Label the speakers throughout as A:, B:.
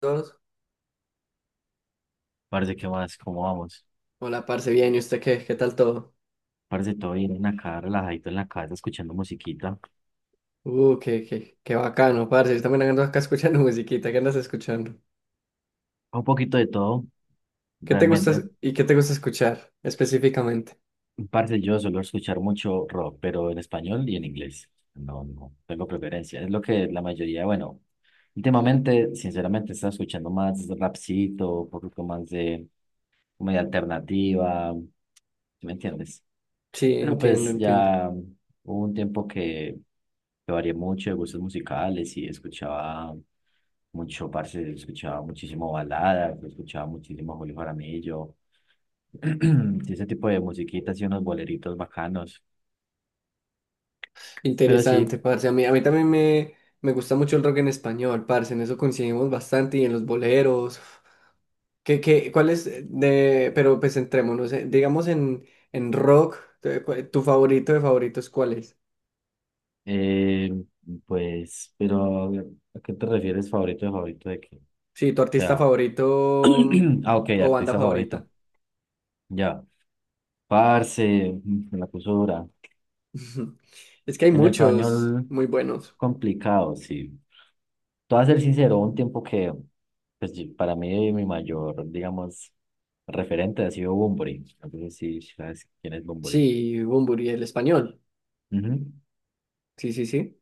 A: Dos.
B: Parce, ¿qué más? ¿Cómo vamos?
A: Hola, parce, bien, ¿y usted qué? ¿Qué tal todo?
B: Parce, todo bien acá, relajadito en la casa, escuchando musiquita.
A: Qué bacano, parce. Yo también ando acá escuchando musiquita. ¿Qué andas escuchando?
B: Un poquito de todo,
A: ¿Qué te gusta
B: realmente.
A: es- y qué te gusta escuchar específicamente?
B: Parce, yo suelo escuchar mucho rock, pero en español y en inglés. No, no tengo preferencia. Es lo que la mayoría, bueno, últimamente, sinceramente, está escuchando más rapcito, un poquito más de comedia alternativa. ¿Sí me entiendes?
A: Sí,
B: Pero
A: entiendo,
B: pues
A: entiendo.
B: ya hubo un tiempo que varié mucho de gustos musicales y escuchaba mucho, parce, escuchaba muchísimo balada, escuchaba muchísimo Julio Jaramillo, y ese tipo de musiquitas y unos boleritos bacanos. Pero
A: Interesante,
B: sí,
A: parce. A mí también me gusta mucho el rock en español, parce. En eso coincidimos bastante y en los boleros. ¿Cuál es de, pero pues entrémonos, digamos en rock, ¿tu favorito de favoritos cuál es?
B: eh, pues, pero ¿a qué te refieres, favorito de qué? O
A: Sí, tu artista
B: sea,
A: favorito
B: ah, ok,
A: o banda
B: artista favorito.
A: favorita.
B: Ya, parce, me la puso dura.
A: Es que hay
B: En
A: muchos
B: español,
A: muy buenos.
B: complicado, sí. Te voy a ser sincero, un tiempo que pues, para mí mi mayor, digamos, referente ha sido Bunbury. Entonces sí, sabes quién es Bunbury.
A: Sí, Bunbury, el español.
B: Ujú.
A: Sí, sí, sí.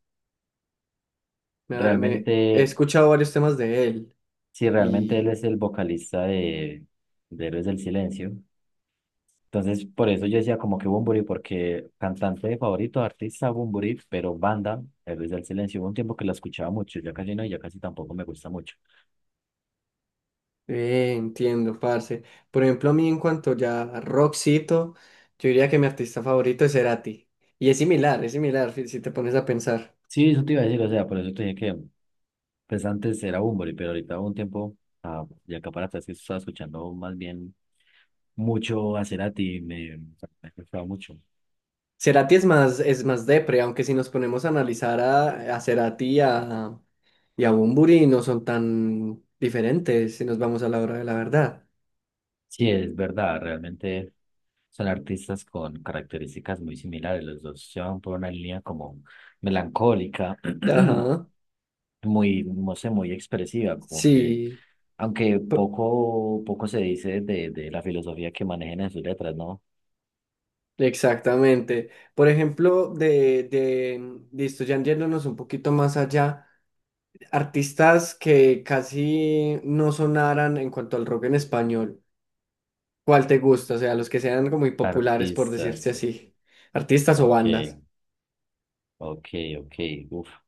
B: Realmente,
A: He escuchado varios temas de él
B: sí, realmente él
A: y
B: es el vocalista de Héroes del Silencio. Entonces, por eso yo decía como que Bunbury, porque cantante favorito, artista Bunbury, pero banda, Héroes del Silencio. Hubo un tiempo que la escuchaba mucho, ya casi no, y ya casi tampoco me gusta mucho.
A: entiendo, parce. Por ejemplo, a mí en cuanto ya a rockcito, yo diría que mi artista favorito es Cerati. Y es similar, si te pones a pensar.
B: Sí, eso te iba a decir, o sea, por eso te dije que pues antes era Bunbury, pero ahorita hubo un tiempo, de Acaparata, es que estaba escuchando más bien mucho a Cerati, me gustaba mucho.
A: Cerati es más depre, aunque si nos ponemos a analizar a Cerati y a Bunbury no son tan diferentes si nos vamos a la hora de la verdad.
B: Sí, es verdad, realmente son artistas con características muy similares, los dos se van por una línea como melancólica,
A: Ajá.
B: muy, no sé, muy expresiva, como que,
A: Sí,
B: aunque
A: p-
B: poco, poco se dice de la filosofía que manejan en sus letras, ¿no?
A: exactamente. Por ejemplo, listo, ya yéndonos un poquito más allá, artistas que casi no sonaran en cuanto al rock en español, ¿cuál te gusta? O sea, los que sean como muy populares, por decirse
B: Artistas,
A: así, artistas o
B: ok,
A: bandas.
B: ok, ok, uf.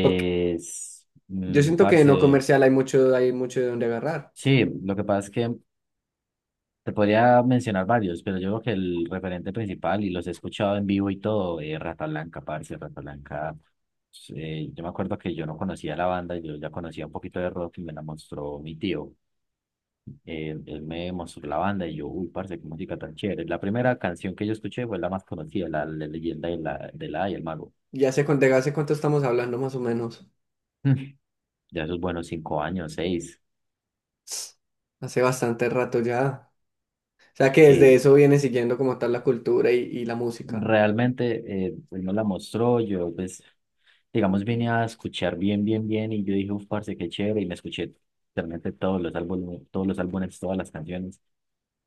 A: Porque yo siento que no
B: parce,
A: comercial hay mucho de dónde agarrar.
B: sí, lo que pasa es que te podría mencionar varios, pero yo creo que el referente principal, y los he escuchado en vivo y todo, es Rata Blanca, parce, Rata Blanca. Yo me acuerdo que yo no conocía la banda, yo ya conocía un poquito de rock y me la mostró mi tío. Él me mostró la banda y yo, uy, parce, qué música tan chévere. La primera canción que yo escuché fue la más conocida, la leyenda de la y el mago.
A: ¿Ya sé cuánto hace cuánto estamos hablando más o menos?
B: Ya esos buenos 5 años, seis.
A: Hace bastante rato ya. O sea que desde
B: Sí,
A: eso viene siguiendo como tal la cultura y la música.
B: realmente él me la mostró, yo pues, digamos, vine a escuchar bien, bien, bien, y yo dije, uff, parce, qué chévere, y me escuché realmente todos los álbumes, todas las canciones.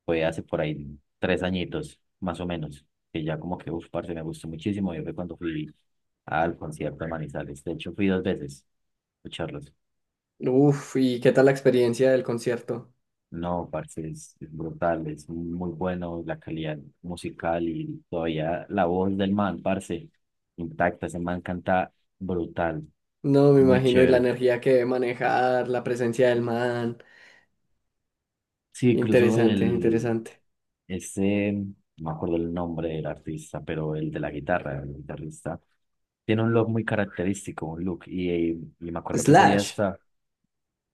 B: Fue hace por ahí 3 añitos, más o menos, que ya como que, uff, parce, me gustó muchísimo. Yo, fue cuando fui al concierto de Manizales, de hecho fui dos veces a escucharlos.
A: Uf, ¿y qué tal la experiencia del concierto?
B: No, parce, es brutal, es muy bueno la calidad musical, y todavía la voz del man, parce, intacta, ese man canta brutal,
A: No, me
B: muy
A: imagino, y la
B: chévere.
A: energía que debe manejar, la presencia del man.
B: Sí, incluso
A: Interesante,
B: el,
A: interesante.
B: ese, no me acuerdo el nombre del artista, pero el de la guitarra, el guitarrista, tiene un look muy característico, un look, y me acuerdo que ese día
A: Slash.
B: está,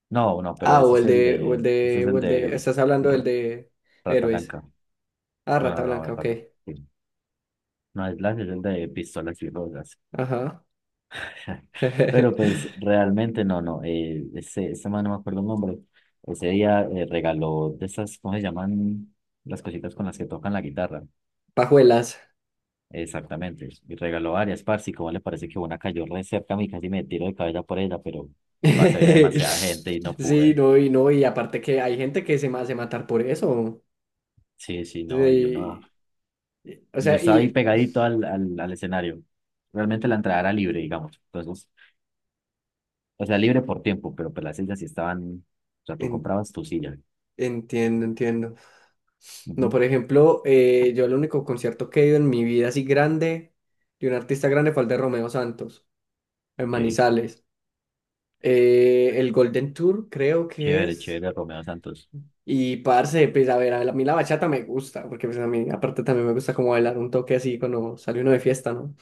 B: no, no, pero
A: Ah,
B: ese es el de, ese es
A: o
B: el
A: el
B: de
A: de, estás hablando del
B: R-
A: de
B: Rata
A: Héroes.
B: Blanca,
A: Ah,
B: no,
A: Rata
B: no, no,
A: Blanca,
B: el
A: ok.
B: Rata, sí. No, es el de Pistolas y Rosas.
A: Ajá.
B: Pero pues realmente no, no. Ese man, no me acuerdo el nombre. Ese día, regaló de esas, ¿cómo se llaman? Las cositas con las que tocan la guitarra.
A: Pajuelas.
B: Exactamente. Y regaló varias, parce. Y como le parece que una cayó re cerca a mí, casi me tiro de cabeza por ella, pero parce, había demasiada gente y no
A: Sí,
B: pude.
A: no, y aparte que hay gente que se me hace matar por eso.
B: Sí, sí, no. Y yo no.
A: Sí, o
B: Y yo
A: sea,
B: estaba ahí
A: y
B: pegadito al escenario. Realmente la entrada era libre, digamos. Entonces, o sea, libre por tiempo, pero pues las sillas sí estaban. O sea, tú
A: en-
B: comprabas tu silla.
A: entiendo, entiendo. No,
B: Ujú,
A: por ejemplo, yo el único concierto que he ido en mi vida así grande de un artista grande fue el de Romeo Santos, en
B: ok.
A: Manizales. El Golden Tour creo que
B: Chévere,
A: es.
B: chévere, Romeo Santos.
A: Y parce, pues a ver, a mí la bachata me gusta, porque pues a mí aparte también me gusta como bailar un toque así cuando sale uno de fiesta, ¿no?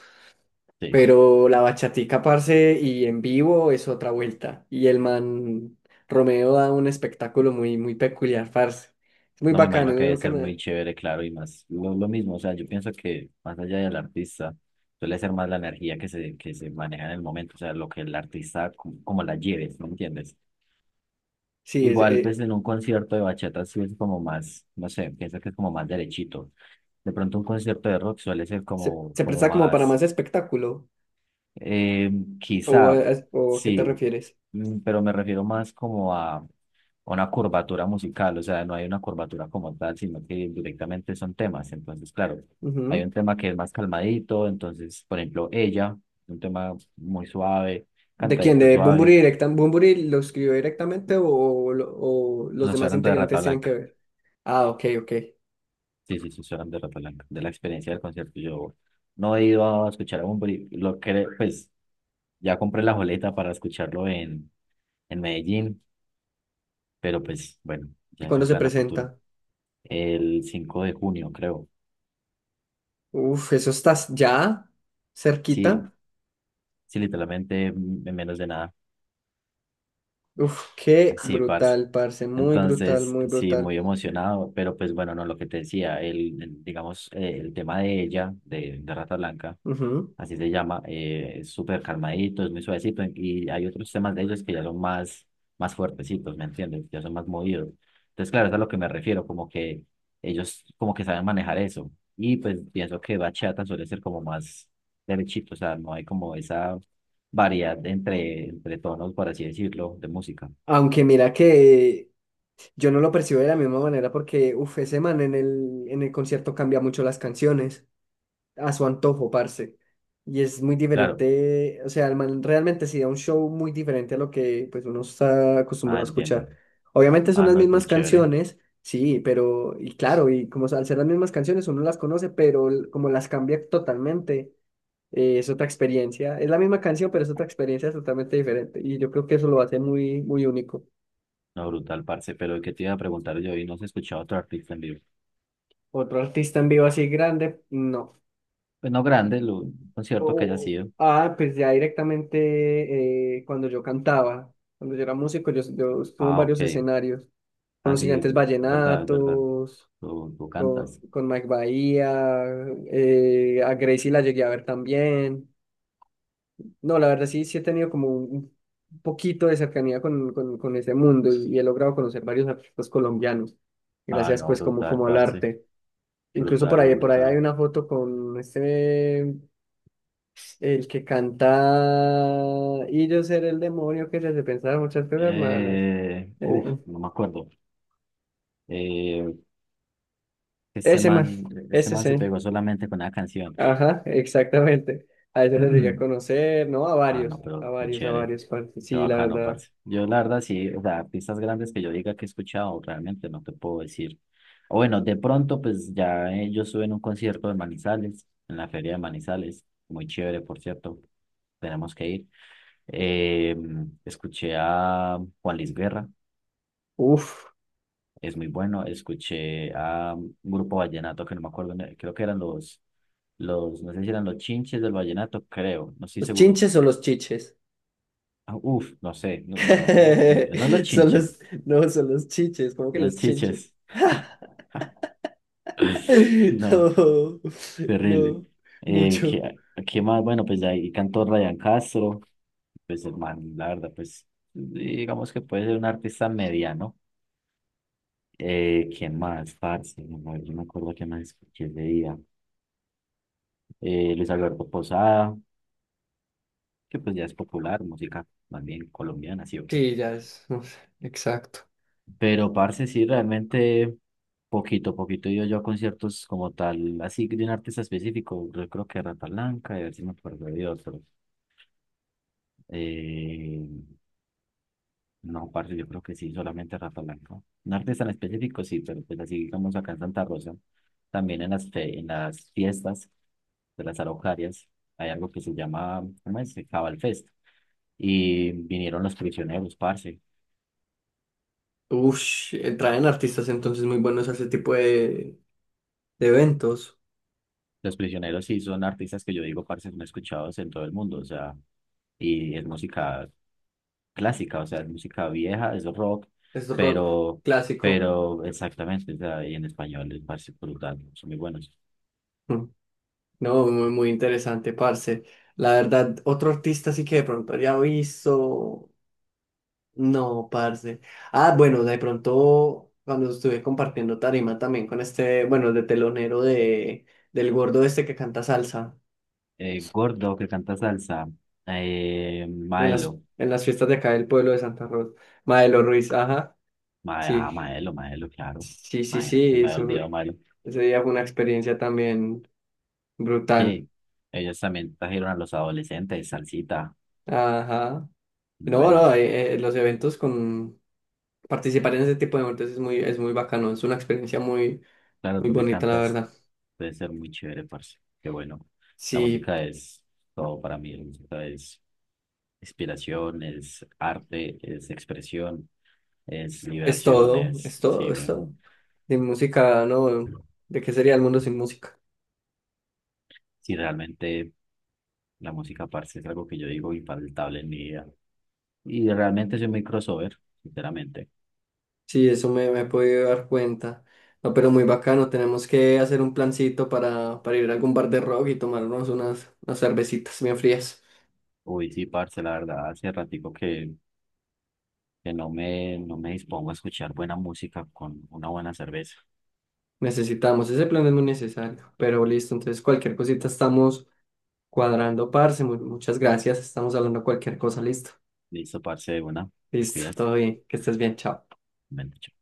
B: Sí,
A: Pero la bachatica, parce, y en vivo es otra vuelta. Y el man Romeo da un espectáculo muy, muy peculiar, parce. Es muy
B: no me
A: bacano,
B: imagino, que
A: muy
B: debe ser
A: bacano.
B: muy chévere, claro, y más lo mismo, o sea, yo pienso que más allá del artista, suele ser más la energía que se maneja en el momento, o sea, lo que el artista, como la lleves, ¿no entiendes?
A: Sí,
B: Igual, pues en un concierto de bachata sí es como más, no sé, pienso que es como más derechito. De pronto un concierto de rock suele ser
A: se,
B: como,
A: se
B: como
A: presta como para
B: más...
A: más espectáculo.
B: Eh,
A: ¿O,
B: Quizá,
A: a- ¿O a qué te
B: sí,
A: refieres?
B: pero me refiero más como a una curvatura musical. O sea, no hay una curvatura como tal, sino que directamente son temas. Entonces, claro, hay un
A: Ujú.
B: tema que es más calmadito. Entonces, por ejemplo, ella, un tema muy suave,
A: ¿De quién?
B: cantadito
A: ¿De Bunbury
B: suave.
A: directa? ¿Bunbury lo escribió directamente o, o los
B: No, estoy
A: demás
B: hablando de Rata
A: integrantes tienen que
B: Blanca.
A: ver? Ah, ok, ok.
B: Sí, sí, sí, estoy hablando de Rata Blanca, de la experiencia del concierto. Yo no he ido a escuchar a Bunbury, lo que, pues, ya compré la boleta para escucharlo en Medellín. Pero pues bueno,
A: ¿Y
B: ya es
A: cuándo
B: un
A: se
B: plan a futuro.
A: presenta?
B: El 5 de junio, creo.
A: Uf, eso estás ya cerquita.
B: Sí, sí, literalmente en menos de nada.
A: Uf, qué
B: Sí, parce.
A: brutal, parce. Muy brutal,
B: Entonces,
A: muy
B: sí,
A: brutal.
B: muy emocionado, pero pues bueno, no, lo que te decía, digamos, el tema de ella, de Rata Blanca,
A: Ujú.
B: así se llama, es súper calmadito, es muy suavecito, y hay otros temas de ellos que ya son más fuertecitos, ¿me entiendes? Ya son más movidos. Entonces, claro, es a lo que me refiero, como que ellos como que saben manejar eso, y pues pienso que bachata suele ser como más derechito. O sea, no hay como esa variedad entre tonos, por así decirlo, de música.
A: Aunque mira que yo no lo percibo de la misma manera porque, uf, ese man en el concierto cambia mucho las canciones a su antojo, parce. Y es muy
B: Claro,
A: diferente, o sea, el man realmente sí da un show muy diferente a lo que pues uno está
B: ah,
A: acostumbrado a
B: entiendo.
A: escuchar. Obviamente son
B: Ah,
A: las
B: no, es muy
A: mismas
B: chévere.
A: canciones, sí, pero, y claro, y como al ser las mismas canciones uno las conoce, pero como las cambia totalmente, es otra experiencia. Es la misma canción, pero es otra experiencia totalmente diferente. Y yo creo que eso lo hace muy, muy único.
B: No, brutal, parce. Pero ¿qué te iba a preguntar yo? Y no has escuchado otro artista en vivo.
A: Otro artista en vivo así grande, no.
B: Pues no grande, un concierto que haya
A: Oh,
B: sido.
A: ah, pues ya directamente cuando yo cantaba, cuando yo era músico, yo estuve en
B: Ah, ok.
A: varios escenarios, con
B: Ah,
A: los
B: sí, es
A: Gigantes
B: verdad, es verdad.
A: Vallenatos,
B: Tú cantas.
A: con Mike Bahía, a Gracie la llegué a ver también. No, la verdad sí, sí he tenido como un poquito de cercanía con ese mundo y he logrado conocer varios artistas colombianos,
B: Ah,
A: gracias
B: no,
A: pues como,
B: brutal,
A: como al
B: parce.
A: arte. Incluso por
B: Brutal, lo
A: ahí, por ahí hay
B: brutal.
A: una foto con este... El que canta y yo seré el demonio que se te pensaba muchas cosas malas.
B: Uf,
A: Eh,
B: no me acuerdo. Eh, ese
A: Ese man,
B: man, ese
A: ese
B: man se
A: sí.
B: pegó solamente con una canción.
A: Ajá, exactamente. A ese les llegué a conocer, ¿no? A
B: Ah, no,
A: varios, a
B: pero muy
A: varios, a
B: chévere.
A: varios, parce.
B: Qué
A: Sí, la
B: bacano,
A: verdad.
B: parce. Yo, la verdad, sí, o sea, artistas grandes que yo diga que he escuchado, realmente no te puedo decir. O bueno, de pronto, pues ya, yo estuve en un concierto de Manizales, en la feria de Manizales, muy chévere, por cierto, tenemos que ir. Eh, escuché a Juan Luis Guerra,
A: Uf,
B: es muy bueno. Escuché a un grupo vallenato que no me acuerdo, creo que eran no sé si eran los Chinches del Vallenato, creo, no estoy
A: ¿los
B: seguro.
A: chinches o los chiches?
B: Ah, uf, no sé, no, no, no, no los
A: Son
B: chinches,
A: los, no, son los chiches, ¿cómo que
B: los
A: los chinches?
B: chiches. No,
A: No,
B: terrible.
A: no,
B: Eh,
A: mucho.
B: ¿qué, qué más? Bueno, pues ahí cantó Ryan Castro, pues hermano, la verdad, pues digamos que puede ser un artista mediano. ¿Qué más, parce? No, no, yo no me acuerdo qué más escuché ese día. Luis Alberto Posada, que pues ya es popular, música más bien colombiana, ¿sí o qué?
A: Sí, ya es, uf, exacto.
B: Pero, parce, sí, realmente poquito, poquito he ido yo a conciertos como tal, así de un artista específico. Yo creo que Rata Blanca, y a ver si me acuerdo de otros. Eh, no, parce, yo creo que sí, solamente Rata Blanca. Un artista en específico, sí, pero pues así digamos acá en Santa Rosa, también en en las fiestas de las araucarias, hay algo que se llama, ¿cómo es? Cabal Fest. Y vinieron Los Prisioneros, parce.
A: Ush, traen artistas entonces muy buenos a ese tipo de eventos.
B: Los Prisioneros sí son artistas que yo digo, parce, son escuchados en todo el mundo, o sea, y es música clásica, o sea, es música vieja, es rock,
A: Es rock
B: pero,
A: clásico.
B: pero exactamente, o sea, y en español es, parce, brutal, son muy buenos.
A: Mm. No, muy, muy interesante, parce. La verdad, otro artista sí que de pronto había visto. No, parce. Ah, bueno, de pronto cuando estuve compartiendo tarima también con este, bueno, el de telonero de, del gordo este que canta salsa
B: Gordo, que canta salsa, Maelo,
A: en las fiestas de acá del pueblo de Santa Rosa. Maelo Ruiz, ajá, sí.
B: Maelo, Maelo, claro,
A: Sí, sí,
B: Maelo, se
A: sí,
B: me había
A: eso,
B: olvidado Maelo.
A: ese día fue una experiencia también brutal.
B: Sí, ellos también trajeron a los adolescentes, salsita,
A: Ajá. No, no,
B: buenos.
A: los eventos con participar en ese tipo de eventos es muy bacano, es una experiencia muy,
B: Claro,
A: muy
B: tú que
A: bonita, la
B: cantas,
A: verdad.
B: puede ser muy chévere, parce. Qué bueno. La
A: Sí,
B: música es todo para mí. La música es inspiración, es arte, es expresión, es
A: es
B: liberación,
A: todo,
B: es...
A: es
B: Sí,
A: todo, es
B: bueno.
A: todo. De música, no, ¿de qué sería el mundo sin música?
B: Sí, realmente la música, parce, es algo que yo digo infaltable en mi vida. Y realmente soy muy crossover, sinceramente.
A: Sí, eso me, me he podido dar cuenta. No, pero muy bacano, tenemos que hacer un plancito para ir a algún bar de rock y tomarnos unas, unas cervecitas bien frías.
B: Uy, sí, parce, la verdad, hace ratico que no me dispongo a escuchar buena música con una buena cerveza.
A: Necesitamos, ese plan es muy necesario, pero listo, entonces cualquier cosita estamos cuadrando, parce, muchas gracias, estamos hablando cualquier cosa, listo,
B: Listo, parce, de una. Te
A: listo,
B: cuidas.
A: todo bien, que estés bien, chao.
B: Bueno, chao.